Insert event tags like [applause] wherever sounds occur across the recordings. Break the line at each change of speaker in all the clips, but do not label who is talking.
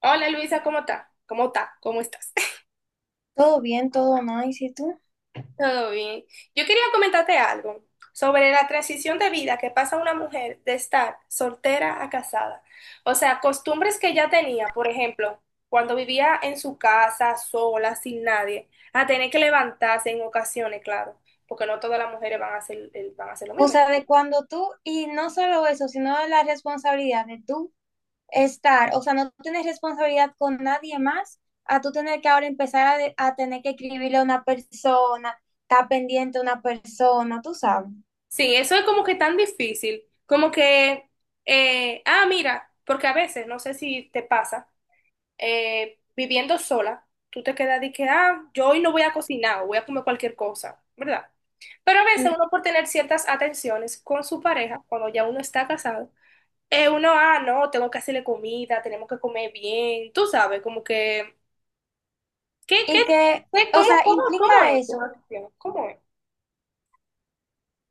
Hola Luisa, ¿cómo está? ¿Cómo está? ¿Cómo estás? [laughs]
Todo bien, todo nice, ¿y si tú?
Todo bien. Yo quería comentarte algo sobre la transición de vida que pasa una mujer de estar soltera a casada. O sea, costumbres que ya tenía, por ejemplo, cuando vivía en su casa sola, sin nadie, a tener que levantarse en ocasiones, claro, porque no todas las mujeres van a hacer lo
O
mismo.
sea, de cuando tú, y no solo eso, sino la responsabilidad de tú estar, o sea, no tener responsabilidad con nadie más, a tú tener que ahora empezar a tener que escribirle a una persona, estar pendiente a una persona, tú sabes.
Sí, eso es como que tan difícil, como que, mira, porque a veces, no sé si te pasa. Viviendo sola, tú te quedas de que, ah, yo hoy no voy a cocinar o voy a comer cualquier cosa, ¿verdad? Pero a veces
Mm.
uno por tener ciertas atenciones con su pareja, cuando ya uno está casado, uno, ah, no, tengo que hacerle comida, tenemos que comer bien, tú sabes, como que, ¿qué, qué,
Y que, o
cómo,
sea,
cómo, cómo
implica
es tu
eso.
relación? ¿Cómo es?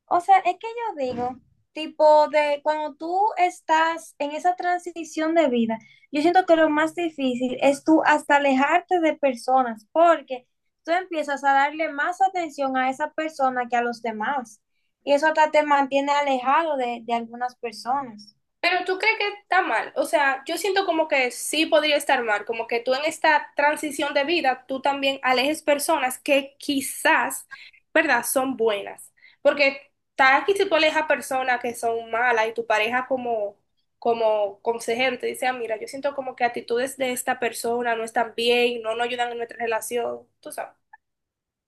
O sea, es que yo digo, tipo de cuando tú estás en esa transición de vida, yo siento que lo más difícil es tú hasta alejarte de personas, porque tú empiezas a darle más atención a esa persona que a los demás. Y eso hasta te mantiene alejado de algunas personas.
Pero tú crees que está mal, o sea, yo siento como que sí podría estar mal, como que tú en esta transición de vida, tú también alejes personas que quizás, ¿verdad?, son buenas. Porque tal que si tú alejas personas que son malas y tu pareja como, como consejero te dice, ah, mira, yo siento como que actitudes de esta persona no están bien, no nos ayudan en nuestra relación, tú sabes.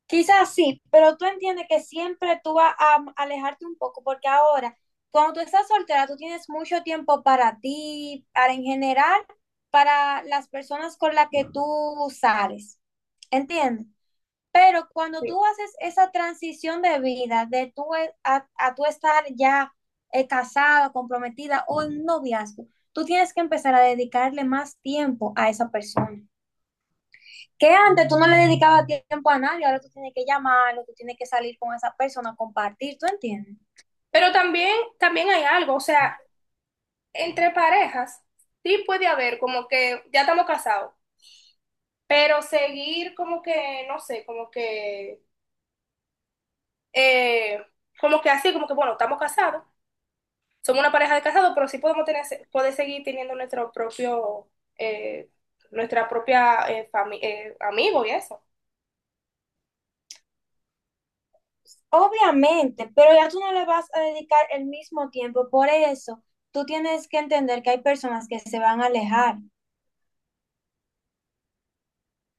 Quizás sí, pero tú entiendes que siempre tú vas a alejarte un poco, porque ahora, cuando tú estás soltera, tú tienes mucho tiempo para ti, para en general, para las personas con las que tú sales, ¿entiendes? Pero cuando
Sí.
tú haces esa transición de vida, a tú estar ya casada, comprometida o en un noviazgo, tú tienes que empezar a dedicarle más tiempo a esa persona. Que antes tú no le dedicabas tiempo a nadie, ahora tú tienes que llamarlo, tú tienes que salir con esa persona, compartir, ¿tú entiendes?
Pero también hay algo, o sea, entre parejas sí puede haber como que ya estamos casados. Pero seguir como que, no sé, eh, como que así, como que, bueno, estamos casados, somos una pareja de casados, pero sí podemos tener, poder seguir teniendo nuestro propio, eh, nuestra propia amigo y eso.
Obviamente, pero ya tú no le vas a dedicar el mismo tiempo, por eso tú tienes que entender que hay personas que se van a alejar.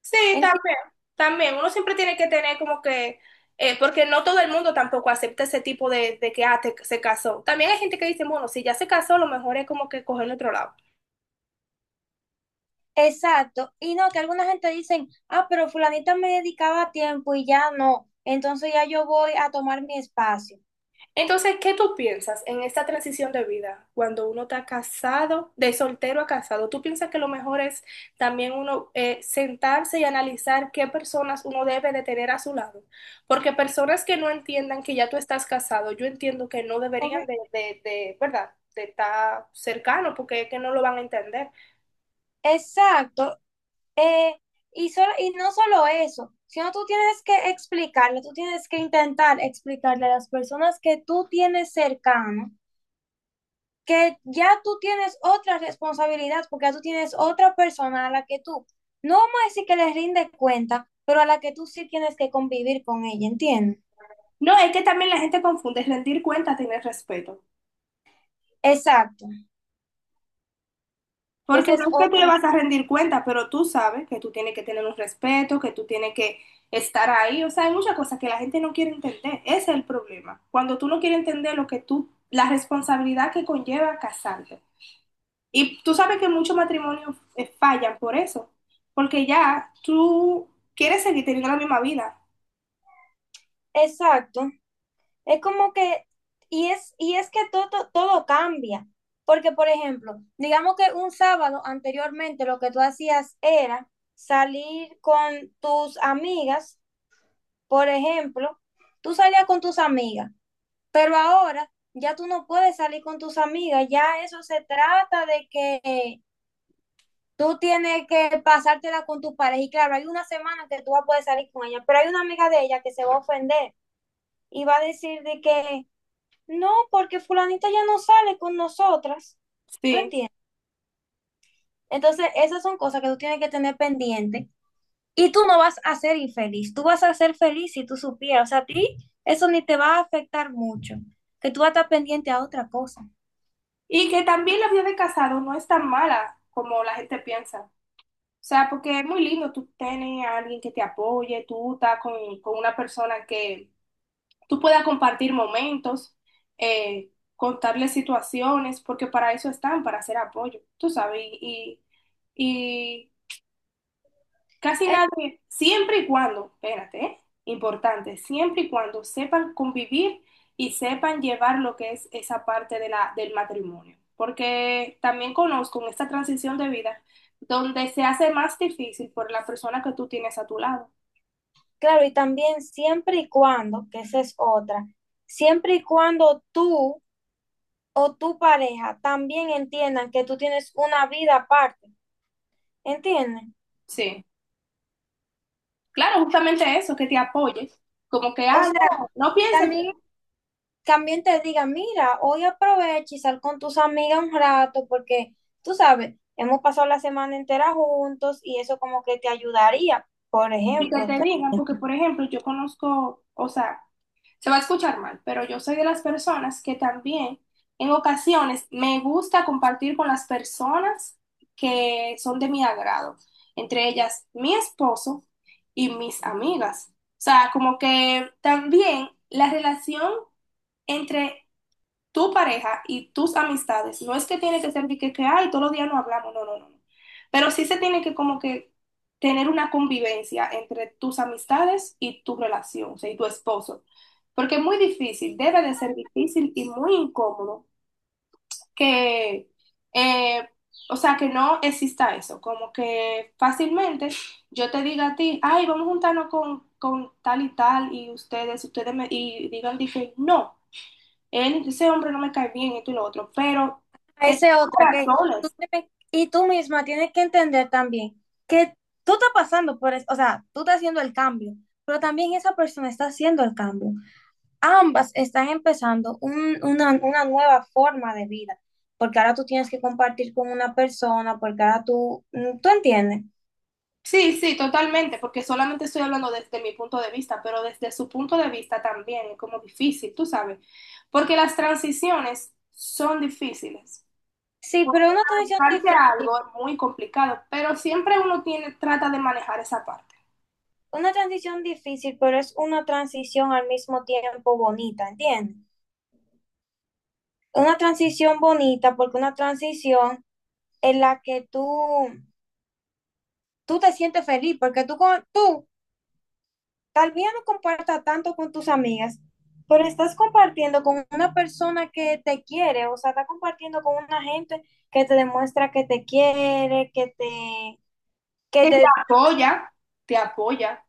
Sí,
Enti-
también, también, uno siempre tiene que tener como que, porque no todo el mundo tampoco acepta ese tipo de que, se casó. También hay gente que dice, bueno, si ya se casó, lo mejor es como que cogerlo otro lado.
Exacto, y no, que alguna gente dicen, ah, pero fulanita me dedicaba tiempo y ya no, entonces ya yo voy a tomar mi espacio.
Entonces, ¿qué tú piensas en esta transición de vida cuando uno está casado, de soltero a casado? ¿Tú piensas que lo mejor es también uno sentarse y analizar qué personas uno debe de tener a su lado? Porque personas que no entiendan que ya tú estás casado, yo entiendo que no deberían
Obvi-
de, ¿verdad? De estar cercano porque es que no lo van a entender.
Exacto. Eh, y, solo, y no solo eso, sino tú tienes que explicarle, tú tienes que intentar explicarle a las personas que tú tienes cercano que ya tú tienes otra responsabilidad, porque ya tú tienes otra persona a la que tú, no vamos a decir que les rinde cuenta, pero a la que tú sí tienes que convivir con ella, ¿entiendes?
No, es que también la gente confunde rendir cuentas, tener respeto.
Exacto, que
Porque
ese
no
es
es que tú le
otro,
vas a rendir cuenta, pero tú sabes que tú tienes que tener un respeto, que tú tienes que estar ahí. O sea, hay muchas cosas que la gente no quiere entender. Ese es el problema. Cuando tú no quieres entender lo que tú, la responsabilidad que conlleva casarte. Y tú sabes que muchos matrimonios fallan por eso. Porque ya tú quieres seguir teniendo la misma vida.
exacto. Es como que, y es que todo, todo cambia. Porque, por ejemplo, digamos que un sábado anteriormente lo que tú hacías era salir con tus amigas, por ejemplo, tú salías con tus amigas, pero ahora ya tú no puedes salir con tus amigas, ya eso se trata de que tú tienes que pasártela con tu pareja. Y claro, hay una semana que tú vas a poder salir con ella, pero hay una amiga de ella que se va a ofender y va a decir de que no, porque fulanita ya no sale con nosotras, ¿te
Sí.
entiendes? Entonces, esas son cosas que tú tienes que tener pendiente y tú no vas a ser infeliz, tú vas a ser feliz si tú supieras, o sea, a ti eso ni te va a afectar mucho, que tú vas a estar pendiente a otra cosa.
Y que también la vida de casado no es tan mala como la gente piensa. O sea, porque es muy lindo tú tener a alguien que te apoye, tú estás con una persona que tú puedas compartir momentos, contarle situaciones, porque para eso están, para hacer apoyo, tú sabes, y casi nadie, siempre y cuando, espérate, ¿eh? Importante, siempre y cuando sepan convivir y sepan llevar lo que es esa parte de la, del matrimonio. Porque también conozco en esta transición de vida donde se hace más difícil por la persona que tú tienes a tu lado.
Claro, y también siempre y cuando, que esa es otra, siempre y cuando tú o tu pareja también entiendan que tú tienes una vida aparte, ¿entiendes?
Sí, claro, justamente eso, que te apoyes. Como que,
O
ah,
sea,
no, no pienses
también
que
también te diga, mira, hoy aprovecha y sal con tus amigas un rato porque, tú sabes, hemos pasado la semana entera juntos y eso como que te ayudaría. Por
y que
ejemplo,
te
tú-
digan, porque por ejemplo, yo conozco, o sea, se va a escuchar mal, pero yo soy de las personas que también en ocasiones me gusta compartir con las personas que son de mi agrado, entre ellas mi esposo y mis amigas. O sea, como que también la relación entre tu pareja y tus amistades. No es que tiene que ser de que, ay, todos los días no hablamos, no, no, no, no. Pero sí se tiene que como que tener una convivencia entre tus amistades y tu relación, o sea, y tu esposo. Porque es muy difícil, debe de ser difícil y muy incómodo que, eh, o sea, que no exista eso, como que fácilmente yo te diga a ti, ay, vamos a juntarnos con tal y tal, y ustedes me, y digan, dije, no, él, ese hombre no me cae bien, esto y lo otro, pero es
esa
por
es otra que tú
razones.
tienes- y tú misma tienes que entender también que tú estás pasando por eso, o sea, tú estás haciendo el cambio, pero también esa persona está haciendo el cambio. Ambas están empezando una nueva forma de vida, porque ahora tú tienes que compartir con una persona, porque ahora tú, ¿tú entiendes?
Sí, sí, totalmente, porque solamente estoy hablando desde mi punto de vista, pero desde su punto de vista también es como difícil, tú sabes, porque las transiciones son difíciles.
Sí, pero
Porque adaptarse a algo es muy complicado, pero siempre uno tiene, trata de manejar esa parte.
una transición difícil, pero es una transición al mismo tiempo bonita, ¿entiendes? Una transición bonita porque una transición en la que tú te sientes feliz, porque tú, con- tú tal vez no compartas tanto con tus amigas, pero estás compartiendo con una persona que te quiere, o sea, estás compartiendo con una gente que te demuestra que te quiere, que
Que
te,
apoya, te apoya,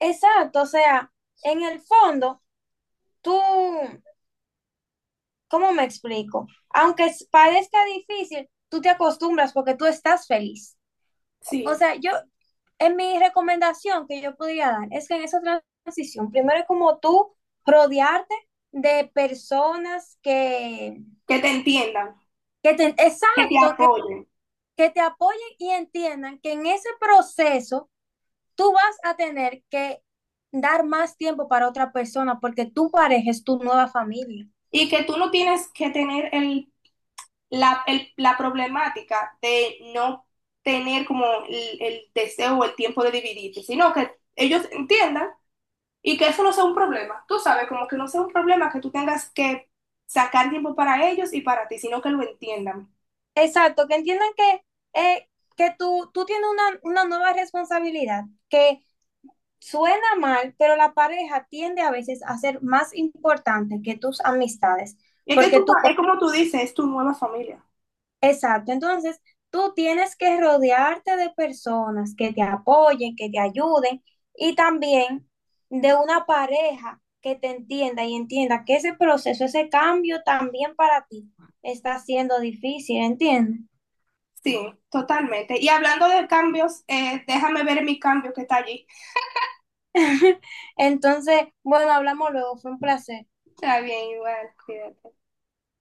exacto, o sea, en el fondo tú, ¿cómo me explico? Aunque es- parezca difícil, tú te acostumbras porque tú estás feliz. O
sí,
sea, yo, en mi recomendación que yo podría dar es que en esa transición, primero es como tú rodearte de personas
que te entiendan,
que te,
que te
exacto,
apoyen
que te apoyen y entiendan que en ese proceso tú vas a tener que dar más tiempo para otra persona porque tu pareja es tu nueva familia.
y que tú no tienes que tener el- la problemática de no tener como el deseo o el tiempo de dividirte, sino que ellos entiendan y que eso no sea un problema. Tú sabes, como que no sea un problema que tú tengas que sacar tiempo para ellos y para ti, sino que lo entiendan.
Exacto, que entiendan eh, que tú tienes una nueva responsabilidad, que suena mal, pero la pareja tiende a veces a ser más importante que tus amistades,
Y es que
porque
tú,
tú,
es como tú dices, es tu nueva familia.
exacto, entonces tú tienes que rodearte de personas que te apoyen, que te ayuden y también de una pareja que te entienda y entienda que ese proceso, ese cambio también para ti está siendo difícil, ¿entiendes?
Sí, totalmente. Y hablando de cambios, déjame ver mi cambio que está allí.
[laughs] Entonces, bueno, hablamos luego, fue un placer.
Está bien, igual, cuídate.